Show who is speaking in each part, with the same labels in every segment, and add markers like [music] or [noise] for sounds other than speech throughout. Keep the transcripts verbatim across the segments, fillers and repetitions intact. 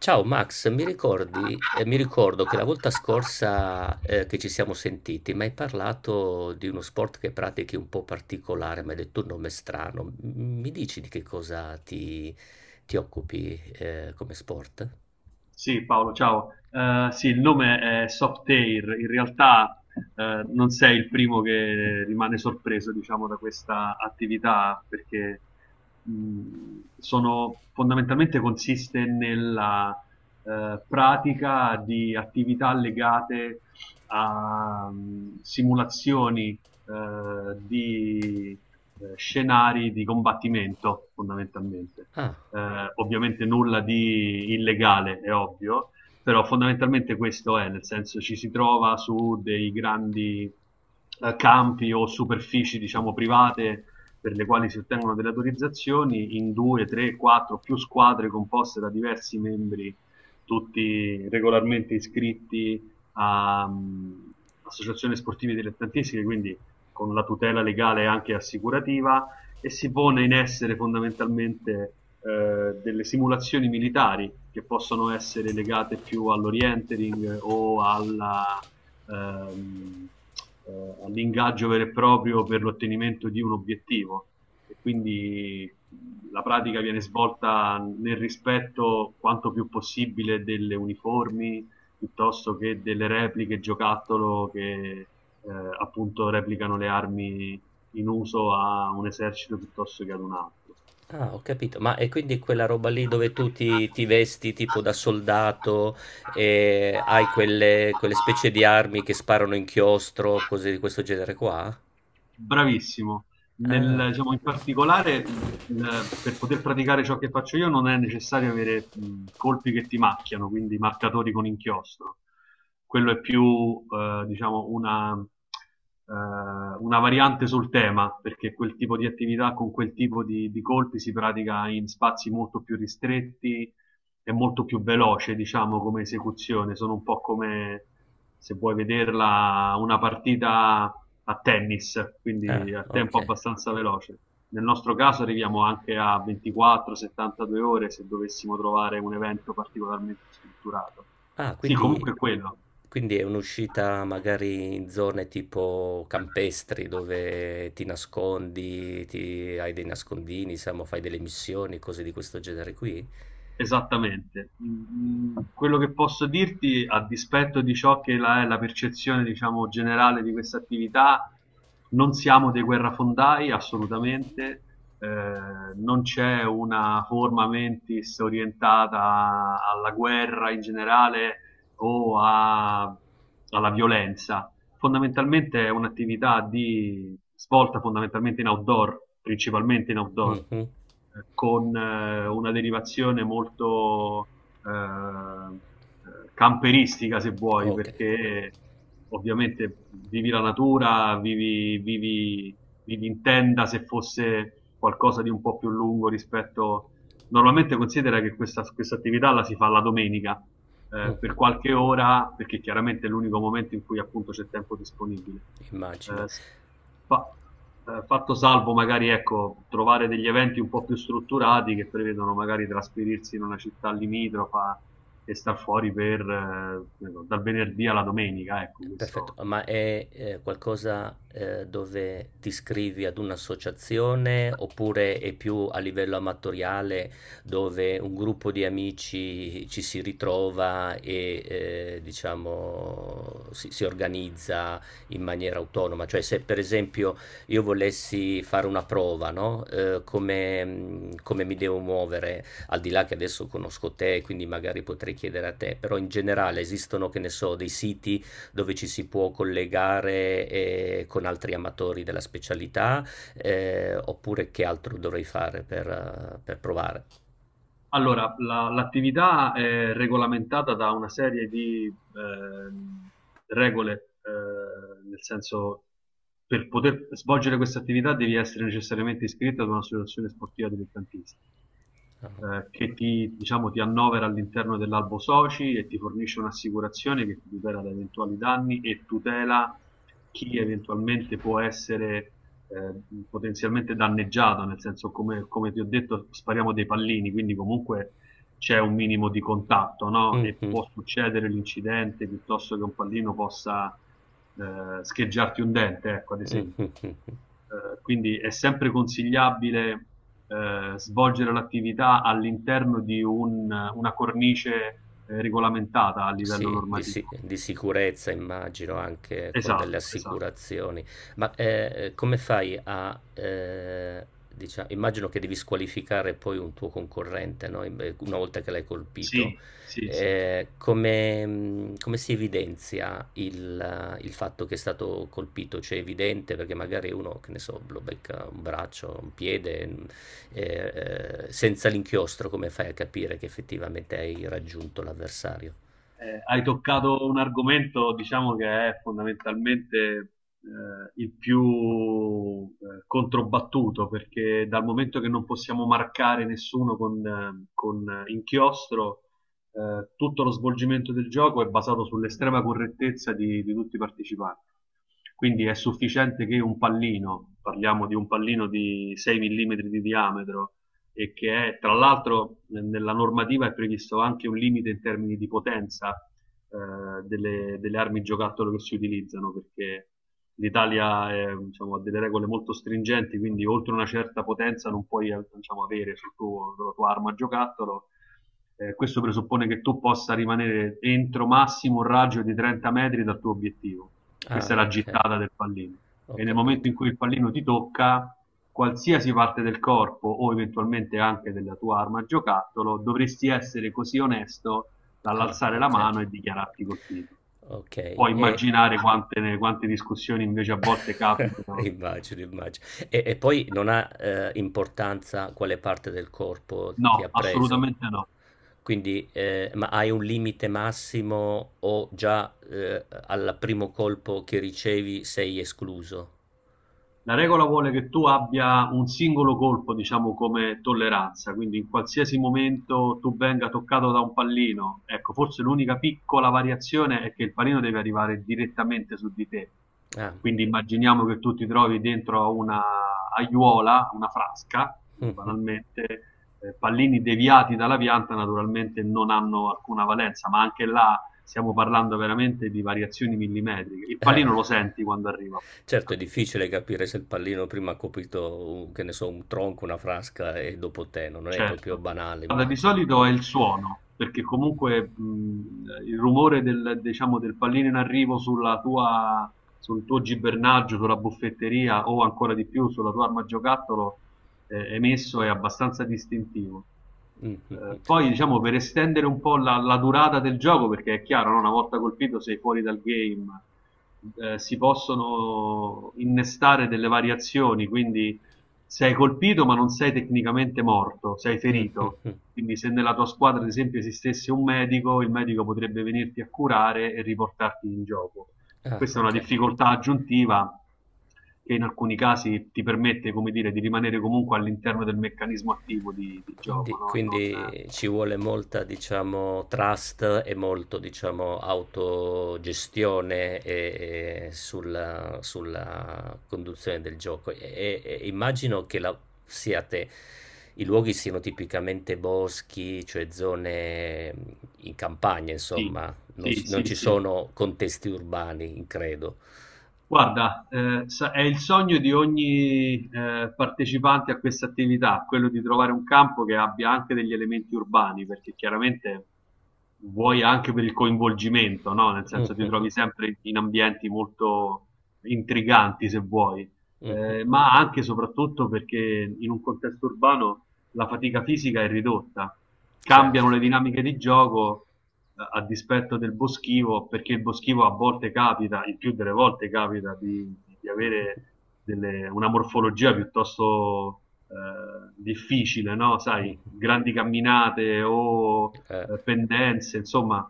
Speaker 1: Ciao Max, mi ricordi, eh, mi ricordo che la volta scorsa eh, che ci siamo sentiti mi hai parlato di uno sport che pratichi un po' particolare, mi hai detto un nome strano. M- Mi dici di che cosa ti, ti occupi eh, come sport?
Speaker 2: Sì, Paolo, ciao. Eh, sì, il nome è Softair. In realtà eh, non sei il primo che rimane sorpreso, diciamo, da questa attività, perché mh, sono, fondamentalmente consiste nella eh, pratica di attività legate a mh, simulazioni eh, di eh, scenari di combattimento, fondamentalmente.
Speaker 1: Ah,
Speaker 2: Eh, ovviamente nulla di illegale, è ovvio, però fondamentalmente questo è, nel senso ci si trova su dei grandi eh, campi o superfici, diciamo, private per le quali si ottengono delle autorizzazioni in due, tre, quattro, più squadre composte da diversi membri, tutti regolarmente iscritti a um, associazioni sportive dilettantistiche, quindi con la tutela legale anche assicurativa e si pone in essere fondamentalmente eh, delle simulazioni militari che possono essere legate più all'orientering o alla, ehm, eh, all'ingaggio vero e proprio per l'ottenimento di un obiettivo. E quindi la pratica viene svolta nel rispetto quanto più possibile delle uniformi piuttosto che delle repliche giocattolo che eh, appunto replicano le armi in uso a un esercito piuttosto che ad un altro.
Speaker 1: ah, ho capito. Ma è quindi quella roba lì dove tu ti, ti vesti tipo da soldato e hai quelle, quelle specie di armi che sparano inchiostro, cose di questo genere qua?
Speaker 2: Bravissimo.
Speaker 1: Ah,
Speaker 2: Nel- diciamo, in particolare, il- il- per poter praticare ciò che faccio io non è necessario avere mh, colpi che ti macchiano, quindi marcatori con inchiostro. Quello è più, eh, diciamo, una, eh, una variante sul tema, perché quel tipo di attività con quel tipo di, di colpi si pratica in spazi molto più ristretti, è molto più veloce, diciamo, come esecuzione. Sono un po' come se vuoi vederla una partita a tennis,
Speaker 1: ah,
Speaker 2: quindi a
Speaker 1: ok.
Speaker 2: tempo abbastanza veloce. Nel nostro caso arriviamo anche a ventiquattro settantadue ore se dovessimo trovare un evento particolarmente strutturato.
Speaker 1: Ah,
Speaker 2: Sì,
Speaker 1: quindi,
Speaker 2: comunque è quello.
Speaker 1: quindi è un'uscita magari in zone tipo campestri dove ti nascondi, ti- hai dei nascondini, siamo, fai delle missioni, cose di questo genere qui?
Speaker 2: Esattamente. Mm, mm, quello che posso dirti, a dispetto di ciò che la- è la percezione, diciamo, generale di questa attività, non siamo dei guerrafondai, assolutamente. Eh, Non c'è una forma mentis orientata alla guerra in generale o a- alla violenza. Fondamentalmente è un'attività di svolta fondamentalmente in outdoor, principalmente in outdoor,
Speaker 1: Mhm.
Speaker 2: eh, con eh, una derivazione molto eh, camperistica, se vuoi,
Speaker 1: Ok.
Speaker 2: perché ovviamente vivi la natura, vivi, vivi, vivi in tenda se fosse qualcosa di un po' più lungo rispetto. Normalmente considera che questa, questa attività la si fa la domenica eh, per
Speaker 1: Mhm,
Speaker 2: qualche ora, perché chiaramente è l'unico momento in cui appunto c'è tempo disponibile.
Speaker 1: immagino.
Speaker 2: Eh, s- fa- eh, Fatto salvo magari ecco, trovare degli eventi un po' più strutturati che prevedono magari trasferirsi in una città limitrofa e star fuori per, eh, che ne so, dal venerdì alla domenica, ecco,
Speaker 1: Perfetto,
Speaker 2: questo.
Speaker 1: ma è eh, qualcosa eh, dove ti iscrivi ad un'associazione oppure è più a livello amatoriale dove un gruppo di amici ci si ritrova e eh, diciamo si, si organizza in maniera autonoma? Cioè se per esempio io volessi fare una prova, no? Eh, come, mh, come mi devo muovere, al di là che adesso conosco te, quindi magari potrei chiedere a te, però in generale esistono, che ne so, dei siti dove ci si può collegare eh, con altri amatori della specialità, eh, oppure che altro dovrei fare per, eh, per provare?
Speaker 2: Allora, la- l'attività è regolamentata da una serie di ehm, regole, eh, nel senso per poter svolgere questa attività devi essere necessariamente iscritto ad un'associazione sportiva dilettantistica,
Speaker 1: Ah.
Speaker 2: eh, che ti, diciamo, ti annovera all'interno dell'albo soci e ti fornisce un'assicurazione che ti tutela da eventuali danni e tutela chi eventualmente può essere eh, potenzialmente danneggiato, nel senso come, come ti ho detto spariamo dei pallini, quindi comunque c'è un minimo di contatto, no? E
Speaker 1: Mhm,
Speaker 2: può succedere l'incidente piuttosto che un pallino possa eh, scheggiarti un dente, ecco, ad
Speaker 1: mhm,
Speaker 2: esempio.
Speaker 1: mhm.
Speaker 2: Eh, quindi è sempre consigliabile eh, svolgere l'attività all'interno di un- una cornice eh, regolamentata a livello
Speaker 1: Sì, di, si-
Speaker 2: normativo.
Speaker 1: di sicurezza immagino anche con delle
Speaker 2: Esatto, esatto.
Speaker 1: assicurazioni, ma eh, come fai a, eh, diciamo, immagino che devi squalificare poi un tuo concorrente, no? In- Una volta che l'hai colpito,
Speaker 2: Sì, sì, sì.
Speaker 1: eh, come, mh, come si evidenzia il, il fatto che è stato colpito? Cioè è evidente perché magari uno, che ne so, lo becca un braccio, un piede, mh, eh, eh, senza l'inchiostro, come fai a capire che effettivamente hai raggiunto l'avversario?
Speaker 2: Eh, hai toccato un argomento, diciamo, che è fondamentalmente eh, il più eh, controbattuto, perché dal momento che non possiamo marcare nessuno con, eh, con inchiostro, eh, tutto lo svolgimento del gioco è basato sull'estrema correttezza di, di tutti i partecipanti. Quindi è sufficiente che un pallino, parliamo di un pallino di sei millimetri di diametro, e che è tra l'altro nella normativa è previsto anche un limite in termini di potenza eh, delle, delle, armi giocattolo che si utilizzano, perché l'Italia è, diciamo, ha delle regole molto stringenti, quindi oltre una certa potenza non puoi diciamo, avere sul tuo, sulla tua arma giocattolo. Eh, questo presuppone che tu possa rimanere entro massimo un raggio di trenta metri dal tuo obiettivo. Questa è
Speaker 1: Ah,
Speaker 2: la
Speaker 1: ok,
Speaker 2: gittata del pallino.
Speaker 1: ho
Speaker 2: E nel momento
Speaker 1: capito.
Speaker 2: in cui il pallino ti tocca, qualsiasi parte del corpo o eventualmente anche della tua arma giocattolo, dovresti essere così onesto
Speaker 1: Ah,
Speaker 2: dall'alzare la
Speaker 1: ok.
Speaker 2: mano e dichiararti colpito.
Speaker 1: Ok,
Speaker 2: Puoi
Speaker 1: e
Speaker 2: immaginare quante, quante discussioni invece a volte
Speaker 1: [laughs]
Speaker 2: capitano.
Speaker 1: immagino, immagino. E, e poi non ha eh, importanza quale parte del corpo
Speaker 2: No,
Speaker 1: ti ha preso.
Speaker 2: assolutamente no.
Speaker 1: Quindi, eh, ma hai un limite massimo o già eh, al primo colpo che ricevi sei escluso?
Speaker 2: La regola vuole che tu abbia un singolo colpo, diciamo, come tolleranza, quindi in qualsiasi momento tu venga toccato da un pallino, ecco, forse l'unica piccola variazione è che il pallino deve arrivare direttamente su di te.
Speaker 1: Ah,
Speaker 2: Quindi immaginiamo che tu ti trovi dentro a una aiuola, una frasca,
Speaker 1: [laughs]
Speaker 2: banalmente, eh, pallini deviati dalla pianta naturalmente non hanno alcuna valenza, ma anche là stiamo parlando veramente di variazioni millimetriche. Il
Speaker 1: eh.
Speaker 2: pallino lo senti quando arriva.
Speaker 1: Certo è difficile capire se il pallino prima ha colpito un che ne so, un tronco, una frasca e dopo te, no, non è proprio
Speaker 2: Certo.
Speaker 1: banale
Speaker 2: Guarda, di
Speaker 1: immagino.
Speaker 2: solito è il suono, perché comunque mh, il rumore del, diciamo, del pallino in arrivo sulla tua, sul tuo gibernaggio, sulla buffetteria o ancora di più sulla tua arma giocattolo eh, emesso è abbastanza distintivo.
Speaker 1: Mh, mh, mh.
Speaker 2: Eh, poi, diciamo, per estendere un po' la, la durata del gioco, perché è chiaro, no? Una volta colpito sei fuori dal game, eh, si possono innestare delle variazioni, quindi sei colpito ma non sei tecnicamente morto, sei
Speaker 1: Mh, mh,
Speaker 2: ferito.
Speaker 1: mh.
Speaker 2: Quindi se nella tua squadra, ad esempio, esistesse un medico, il medico potrebbe venirti a curare e riportarti in gioco.
Speaker 1: Ah,
Speaker 2: Questa è una
Speaker 1: okay.
Speaker 2: difficoltà aggiuntiva che in alcuni casi ti permette, come dire, di rimanere comunque all'interno del meccanismo attivo di, di gioco,
Speaker 1: Quindi,
Speaker 2: no? Non-
Speaker 1: quindi ci vuole molta, diciamo, trust e molto, diciamo, autogestione e- e sulla, sulla conduzione del gioco. E, e- e immagino che la- siate, i luoghi siano tipicamente boschi, cioè zone in campagna,
Speaker 2: Sì,
Speaker 1: insomma, non,
Speaker 2: sì,
Speaker 1: s- non
Speaker 2: sì,
Speaker 1: ci
Speaker 2: sì.
Speaker 1: sono contesti urbani, credo.
Speaker 2: Guarda, eh, sa- è il sogno di ogni eh, partecipante a questa attività, quello di trovare un campo che abbia anche degli elementi urbani, perché chiaramente vuoi anche per il coinvolgimento, no? Nel senso ti
Speaker 1: [laughs]
Speaker 2: trovi sempre in ambienti molto intriganti, se vuoi,
Speaker 1: Mhm,
Speaker 2: eh,
Speaker 1: mhm.
Speaker 2: ma anche e soprattutto perché in un contesto urbano la fatica fisica è ridotta, cambiano
Speaker 1: Certo.
Speaker 2: le dinamiche di gioco eh, a dispetto del boschivo, perché il boschivo a volte capita, il più delle volte capita, di, di
Speaker 1: [laughs] Mhm,
Speaker 2: avere delle, una morfologia piuttosto eh, difficile, no?
Speaker 1: mhm.
Speaker 2: Sai, grandi camminate o
Speaker 1: Eh.
Speaker 2: eh, pendenze, insomma,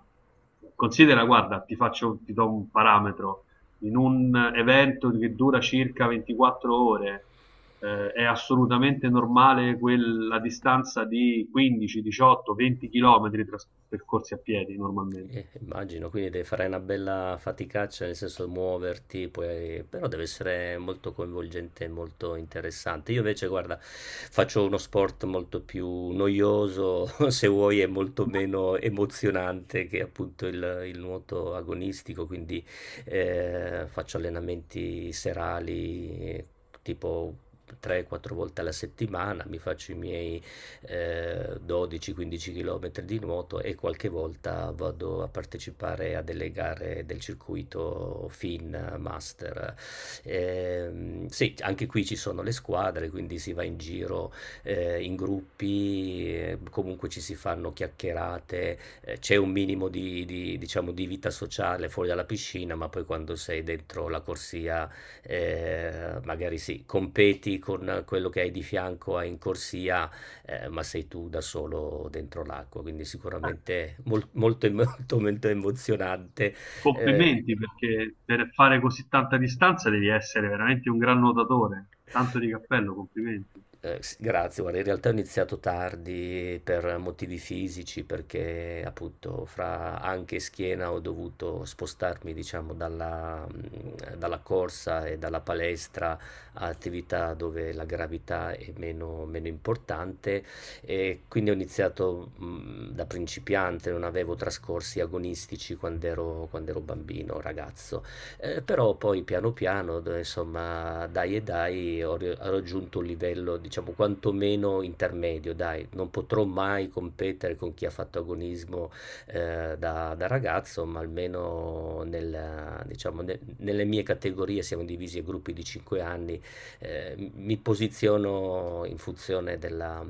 Speaker 2: considera, guarda, ti faccio, ti do un parametro, in un evento che dura circa ventiquattro ore, eh, è assolutamente normale quella distanza di quindici, diciotto, venti chilometri tras- percorsi a piedi normalmente.
Speaker 1: Eh, immagino, quindi devi fare una bella faticaccia, nel senso muoverti, poi- però deve essere molto coinvolgente e molto interessante. Io invece, guarda, faccio uno sport molto più noioso, [laughs] se vuoi, è molto meno emozionante che appunto il, il nuoto agonistico, quindi eh, faccio allenamenti serali, eh, tipo tre quattro volte alla settimana, mi faccio i miei eh, dodici quindici km di nuoto e qualche volta vado a partecipare a delle gare del circuito FIN Master. Eh, sì, anche qui ci sono le squadre, quindi si va in giro eh, in gruppi, eh, comunque ci si fanno chiacchierate, eh, c'è un minimo di, di, diciamo, di vita sociale fuori dalla piscina, ma poi quando sei dentro la corsia eh, magari sì, competi con quello che hai di fianco in corsia eh, ma sei tu da solo dentro l'acqua, quindi sicuramente mol- molto, [laughs] molto, molto emozionante. Eh,
Speaker 2: Complimenti perché per fare così tanta distanza devi essere veramente un gran nuotatore. Tanto di cappello, complimenti.
Speaker 1: Eh, s- grazie, guarda, in realtà ho iniziato tardi per motivi fisici, perché appunto fra anche e schiena ho dovuto spostarmi, diciamo, dalla, mh, dalla corsa e dalla palestra a attività dove la gravità è meno, meno importante e quindi ho iniziato mh, da principiante, non avevo trascorsi agonistici quando ero, quando ero bambino, ragazzo. Eh, però poi piano piano, d- insomma, dai e dai, ho, ri- ho raggiunto un livello, diciamo, quantomeno intermedio, dai, non potrò mai competere con chi ha fatto agonismo eh, da, da ragazzo, ma almeno nella- diciamo, ne- nelle mie categorie siamo divisi a gruppi di cinque anni, eh, mi posiziono in funzione della,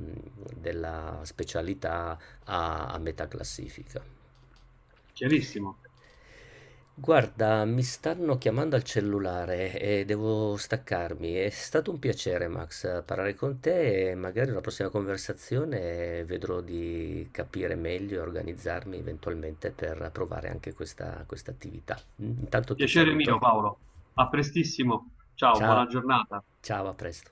Speaker 1: della specialità a a metà classifica.
Speaker 2: Chiarissimo.
Speaker 1: Guarda, mi stanno chiamando al cellulare e devo staccarmi. È stato un piacere, Max, parlare con te e magari una prossima conversazione vedrò di capire meglio e organizzarmi eventualmente per provare anche questa, questa attività. Intanto ti
Speaker 2: Piacere mio,
Speaker 1: saluto.
Speaker 2: Paolo. A prestissimo. Ciao, buona
Speaker 1: Ciao,
Speaker 2: giornata.
Speaker 1: ciao, a presto.